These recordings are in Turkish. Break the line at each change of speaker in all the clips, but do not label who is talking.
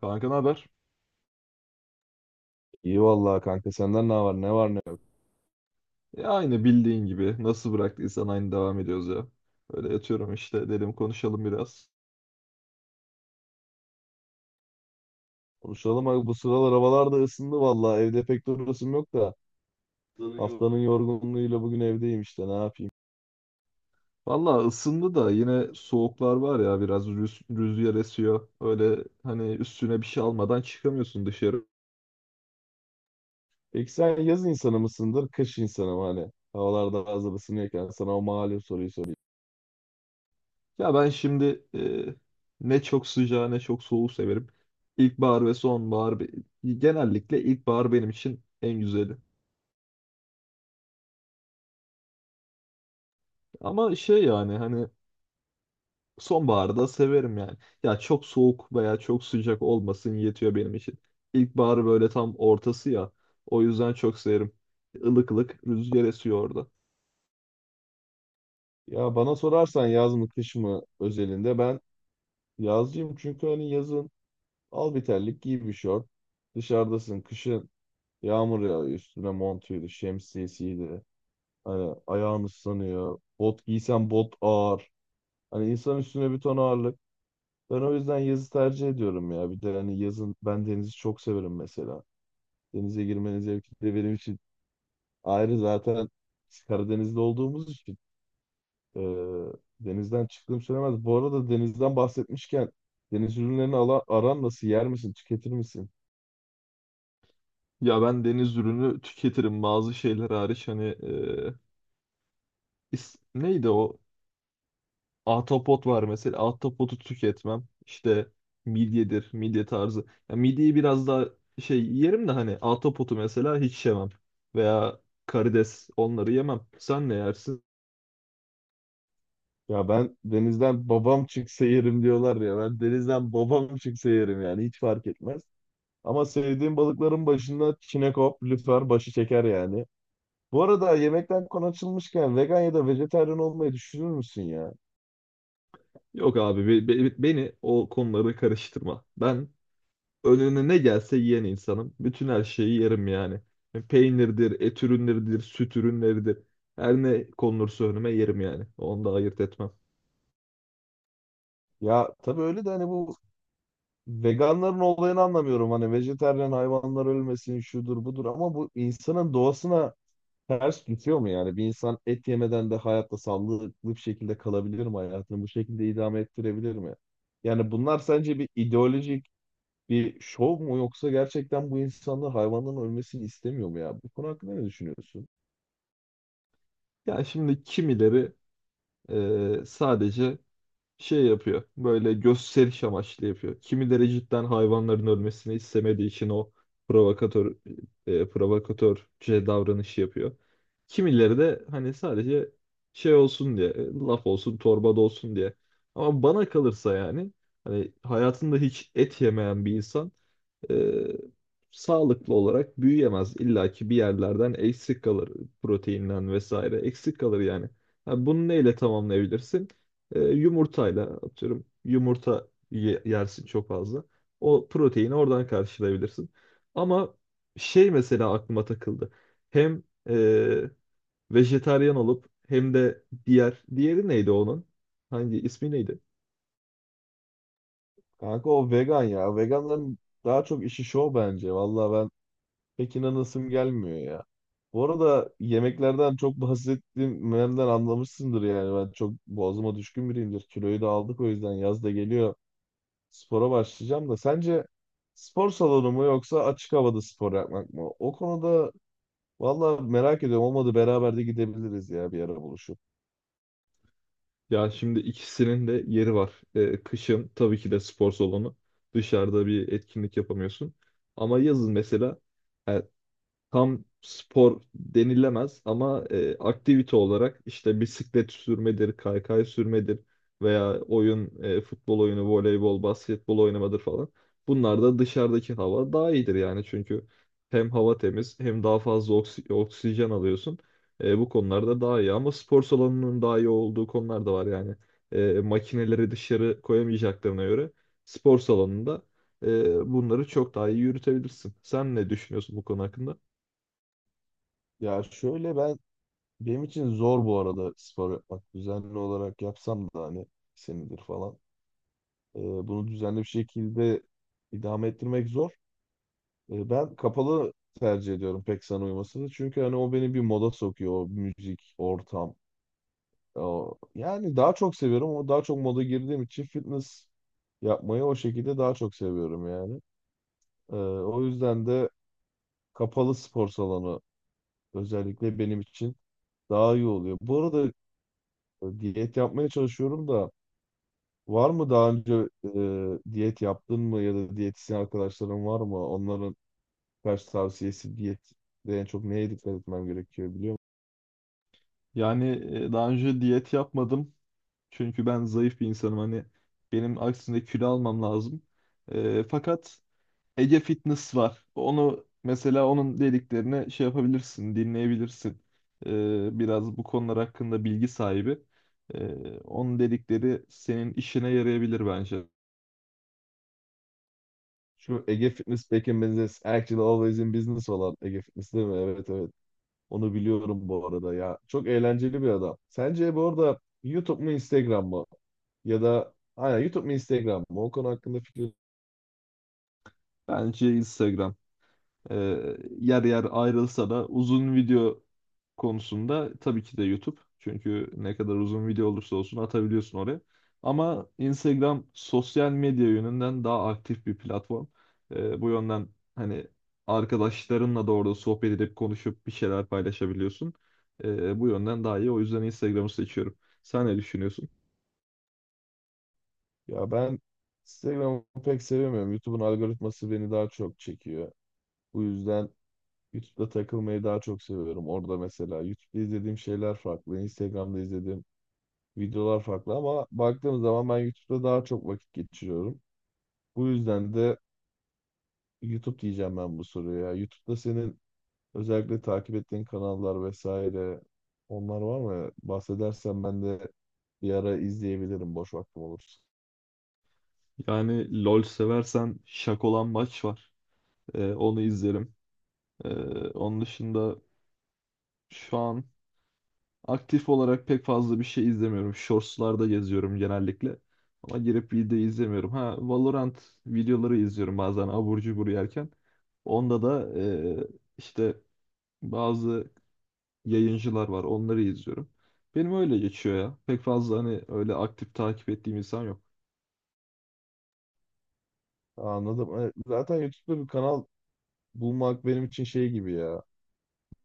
Kanka ne haber?
İyi vallahi kanka senden ne var ne var ne yok.
E, aynı bildiğin gibi. Nasıl bıraktıysan aynı devam ediyoruz ya. Öyle yatıyorum işte. Dedim konuşalım biraz.
Konuşalım abi, bu sıralar havalar da ısındı vallahi, evde pek durasım yok da haftanın yorgunluğuyla bugün evdeyim işte, ne yapayım.
Valla ısındı da yine soğuklar var ya biraz rüzgar esiyor. Öyle hani üstüne bir şey almadan çıkamıyorsun dışarı.
Peki sen yaz insanı mısındır kış insanı mı, hani havalarda hazır ısınıyorken sana o malum soruyu sorayım.
Ya ben şimdi ne çok sıcağı ne çok soğuğu severim. İlkbahar ve sonbahar genellikle ilkbahar benim için en güzeli. Ama şey yani hani sonbaharı da severim yani. Ya çok soğuk veya çok sıcak olmasın yetiyor benim için. İlkbahar böyle tam ortası ya. O yüzden çok severim. Ilık ılık rüzgar esiyor orada.
Ya bana sorarsan yaz mı kış mı özelinde ben yazcıyım, çünkü hani yazın al bir terlik giy bir şort dışarıdasın, kışın yağmur yağıyor üstüne montuydu şemsiyesiydi hani ayağın ıslanıyor, bot giysen bot ağır. Hani insan üstüne bir ton ağırlık. Ben o yüzden yazı tercih ediyorum ya. Bir de hani yazın ben denizi çok severim mesela. Denize girmenin zevki de benim için ayrı zaten, biz Karadeniz'de olduğumuz için e, denizden çıktığım söylemez. Bu arada denizden bahsetmişken deniz ürünlerini aran nasıl? Yer misin? Tüketir misin?
Ya ben deniz ürünü tüketirim bazı şeyler hariç hani neydi o? Ahtapot var mesela. Ahtapotu tüketmem. İşte midyedir, midye tarzı. Ya midyeyi biraz daha şey yerim de hani ahtapotu mesela hiç yemem. Veya karides onları yemem. Sen ne yersin?
Ya ben denizden babam çıksa yerim diyorlar ya. Ben denizden babam çıksa yerim, yani hiç fark etmez. Ama sevdiğim balıkların başında çinekop, lüfer başı çeker yani. Bu arada yemekten konu açılmışken vegan ya da vejetaryen olmayı düşünür müsün ya?
Yok abi beni o konulara karıştırma. Ben önüne ne gelse yiyen insanım. Bütün her şeyi yerim yani. Yani peynirdir, et ürünleridir, süt ürünleridir. Her ne konulursa önüme yerim yani. Onu da ayırt etmem.
Ya tabii öyle de hani bu veganların olayını anlamıyorum. Hani vejetaryen, hayvanlar ölmesin şudur budur, ama bu insanın doğasına ters gidiyor mu yani? Bir insan et yemeden de hayatta sağlıklı bir şekilde kalabilir mi? Hayatını bu şekilde idame ettirebilir mi? Yani bunlar sence bir ideolojik bir şov mu, yoksa gerçekten bu insanlar hayvanların ölmesini istemiyor mu ya? Bu konu hakkında ne düşünüyorsun?
Yani şimdi kimileri sadece şey yapıyor. Böyle gösteriş amaçlı yapıyor. Kimileri cidden hayvanların ölmesini istemediği için o provokatör provokatörce davranışı yapıyor. Kimileri de hani sadece şey olsun diye, laf olsun, torbada olsun diye. Ama bana kalırsa yani hani hayatında hiç et yemeyen bir insan e, sağlıklı olarak büyüyemez. İlla ki bir yerlerden eksik kalır, proteinden vesaire eksik kalır yani. Ha, bunu neyle tamamlayabilirsin? E, yumurtayla atıyorum, yumurta yersin çok fazla. O proteini oradan karşılayabilirsin. Ama şey mesela aklıma takıldı. Hem e, vejetaryen olup hem de diğeri neydi onun? Hangi ismi neydi?
Kanka o vegan ya. Veganların daha çok işi şov bence. Vallahi ben pek inanasım gelmiyor ya. Bu arada yemeklerden çok bahsettiğimden anlamışsındır yani. Ben çok boğazıma düşkün biriyimdir. Kiloyu da aldık, o yüzden yaz da geliyor. Spora başlayacağım da sence spor salonu mu yoksa açık havada spor yapmak mı? O konuda vallahi merak ediyorum. Olmadı beraber de gidebiliriz ya, bir ara buluşup.
Ya şimdi ikisinin de yeri var. Kışın tabii ki de spor salonu. Dışarıda bir etkinlik yapamıyorsun. Ama yazın mesela e, tam spor denilemez ama aktivite olarak işte bisiklet sürmedir, kaykay sürmedir veya oyun, futbol oyunu, voleybol, basketbol oynamadır falan. Bunlar da dışarıdaki hava daha iyidir yani çünkü hem hava temiz hem daha fazla oksijen alıyorsun. E, bu konularda daha iyi ama spor salonunun daha iyi olduğu konular da var yani. Makineleri dışarı koyamayacaklarına göre spor salonunda bunları çok daha iyi yürütebilirsin. Sen ne düşünüyorsun bu konu hakkında?
Ya şöyle, ben, benim için zor bu arada spor yapmak. Düzenli olarak yapsam da hani senedir falan. E, Bunu düzenli bir şekilde idame ettirmek zor. E, ben kapalı tercih ediyorum, pek sana uymasını. Çünkü hani o beni bir moda sokuyor, o müzik, ortam. O, yani daha çok seviyorum, ama daha çok moda girdiğim için fitness yapmayı o şekilde daha çok seviyorum yani. E, O yüzden de kapalı spor salonu özellikle benim için daha iyi oluyor. Bu arada diyet yapmaya çalışıyorum da, var mı daha önce diyet yaptın mı, ya da diyetisyen arkadaşların var mı? Onların kaç tavsiyesi, diyet de en çok neye dikkat etmem gerekiyor biliyor musun?
Yani daha önce diyet yapmadım. Çünkü ben zayıf bir insanım. Hani benim aksine kilo almam lazım. Fakat Ege Fitness var. Onu mesela, onun dediklerini şey yapabilirsin, dinleyebilirsin. Biraz bu konular hakkında bilgi sahibi. E, Onun dedikleri senin işine yarayabilir bence.
Şu Ege Fitness back in business, actually always in business olan Ege Fitness değil mi? Evet, evet. Onu biliyorum bu arada ya. Çok eğlenceli bir adam. Sence bu arada YouTube mu Instagram mı? Ya da aynen, YouTube mu Instagram mı? O konu hakkında fikir.
Bence Instagram. Yer yer ayrılsa da uzun video konusunda tabii ki de YouTube. Çünkü ne kadar uzun video olursa olsun atabiliyorsun oraya. Ama Instagram sosyal medya yönünden daha aktif bir platform. Bu yönden hani arkadaşlarınla da orada sohbet edip konuşup bir şeyler paylaşabiliyorsun. Bu yönden daha iyi. O yüzden Instagram'ı seçiyorum. Sen ne düşünüyorsun?
Ya ben Instagram'ı pek sevemiyorum. YouTube'un algoritması beni daha çok çekiyor. Bu yüzden YouTube'da takılmayı daha çok seviyorum. Orada mesela YouTube'da izlediğim şeyler farklı, Instagram'da izlediğim videolar farklı, ama baktığım zaman ben YouTube'da daha çok vakit geçiriyorum. Bu yüzden de YouTube diyeceğim ben bu soruya. Ya, YouTube'da senin özellikle takip ettiğin kanallar vesaire onlar var mı? Bahsedersen ben de bir ara izleyebilirim, boş vaktim olursa.
Yani LoL seversen Şakolan Maç var. Onu izlerim. Ee, Onun dışında şu an aktif olarak pek fazla bir şey izlemiyorum. Shorts'larda geziyorum genellikle. Ama girip video izlemiyorum. Ha, Valorant videoları izliyorum bazen abur cubur yerken. Onda da işte bazı yayıncılar var. Onları izliyorum. Benim öyle geçiyor ya. Pek fazla hani öyle aktif takip ettiğim insan yok.
Anladım. E, zaten YouTube'da bir kanal bulmak benim için şey gibi ya.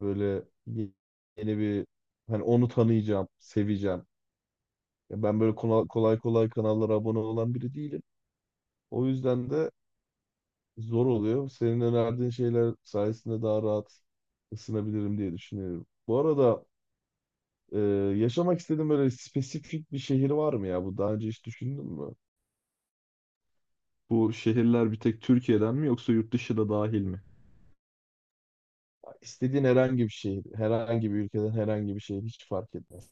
Böyle ye- yeni bir, hani onu tanıyacağım, seveceğim. Ya ben böyle kolay kolay kanallara abone olan biri değilim. O yüzden de zor oluyor. Senin önerdiğin şeyler sayesinde daha rahat ısınabilirim diye düşünüyorum. Bu arada e, yaşamak istediğin böyle spesifik bir şehir var mı ya? Bu daha önce hiç düşündün mü?
Bu şehirler bir tek Türkiye'den mi yoksa yurt dışı da dahil mi?
İstediğin herhangi bir şehir, herhangi bir ülkeden herhangi bir şehir, hiç fark etmez.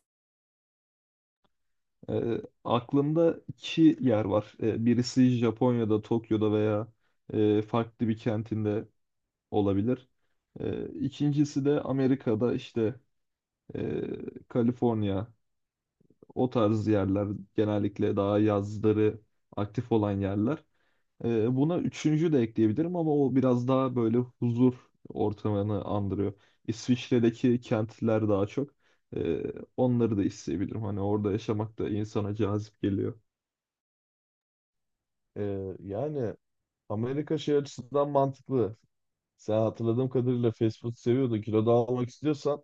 Aklımda iki yer var. Birisi Japonya'da, Tokyo'da veya farklı bir kentinde olabilir. İkincisi de Amerika'da, işte e, Kaliforniya, o tarz yerler genellikle daha yazları aktif olan yerler. Buna üçüncü de ekleyebilirim ama o biraz daha böyle huzur ortamını andırıyor. İsviçre'deki kentler daha çok. Ee, Onları da isteyebilirim. Hani orada yaşamak da insana cazip geliyor.
E, yani Amerika şey açısından mantıklı. Sen hatırladığım kadarıyla fast food seviyordun. Kilo da almak istiyorsan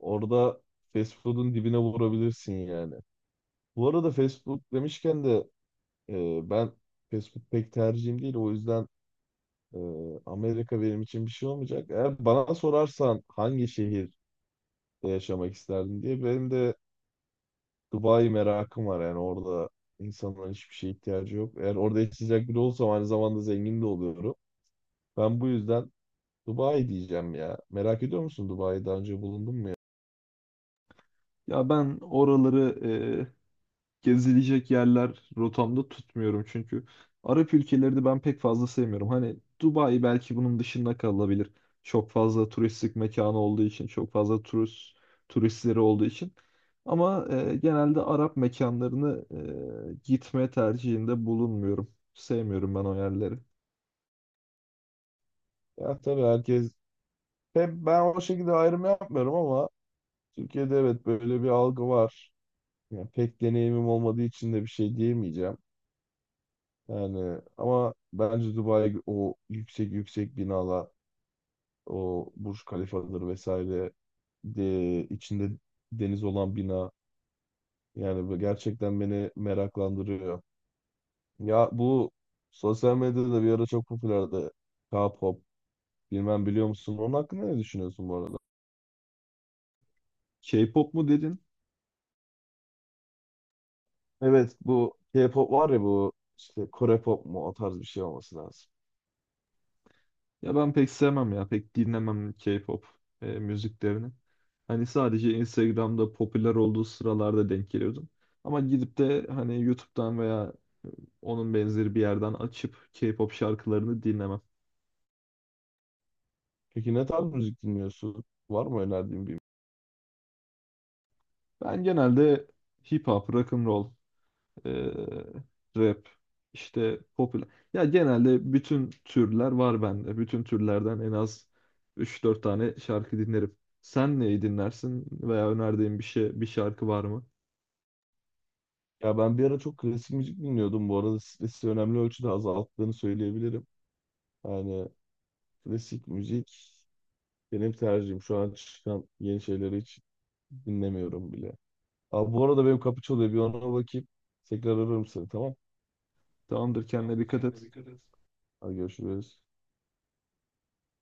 orada fast food'un dibine vurabilirsin yani. Bu arada fast food demişken de ben fast food pek tercihim değil. O yüzden Amerika benim için bir şey olmayacak. Eğer bana sorarsan hangi şehirde yaşamak isterdin diye, benim de Dubai merakım var. Yani orada insanların hiçbir şeye ihtiyacı yok. Eğer orada yaşayacak biri olsam aynı zamanda zengin de oluyorum. Ben bu yüzden Dubai diyeceğim ya. Merak ediyor musun, Dubai'de daha önce bulundun mu ya?
Ya ben oraları e, gezilecek yerler rotamda tutmuyorum çünkü Arap ülkeleri ben pek fazla sevmiyorum. Hani Dubai belki bunun dışında kalabilir. Çok fazla turistik mekanı olduğu için, çok fazla turistleri olduğu için. Ama genelde Arap mekanlarını gitme tercihinde bulunmuyorum. Sevmiyorum ben o yerleri.
Ya tabii herkes, hep ben o şekilde ayrım yapmıyorum ama Türkiye'de evet, böyle bir algı var. Yani pek deneyimim olmadığı için de bir şey diyemeyeceğim. Yani ama bence Dubai, o yüksek yüksek binalar, o Burj Khalifa'dır vesaire de, içinde deniz olan bina, yani bu gerçekten beni meraklandırıyor. Ya bu sosyal medyada bir ara çok popülerdi. K-pop bilmem, biliyor musun? Onun hakkında ne düşünüyorsun bu arada?
K-pop mu dedin?
Evet, bu K-pop var ya, bu işte Kore pop mu, o tarz bir şey olması lazım.
Ya ben pek sevmem ya. Pek dinlemem K-pop müziklerini. Hani sadece Instagram'da popüler olduğu sıralarda denk geliyordum. Ama gidip de hani YouTube'dan veya onun benzeri bir yerden açıp K-pop şarkılarını dinlemem.
Peki ne tarz müzik dinliyorsun? Var mı önerdiğin bir?
Ben genelde hip hop, rock and roll, e, rap, işte popüler. Ya genelde bütün türler var bende. Bütün türlerden en az üç dört tane şarkı dinlerim. Sen neyi dinlersin veya önerdiğin bir şey, bir şarkı var mı?
Ya ben bir ara çok klasik müzik dinliyordum. Bu arada stresi önemli ölçüde azalttığını söyleyebilirim. Yani klasik müzik benim tercihim. Şu an çıkan yeni şeyleri hiç dinlemiyorum bile. Abi bu arada benim kapı çalıyor. Bir ona bakayım. Tekrar ararım seni, tamam.
Tamamdır, kendine
Tamamdır,
dikkat
kendine
et.
dikkat et. Hadi görüşürüz.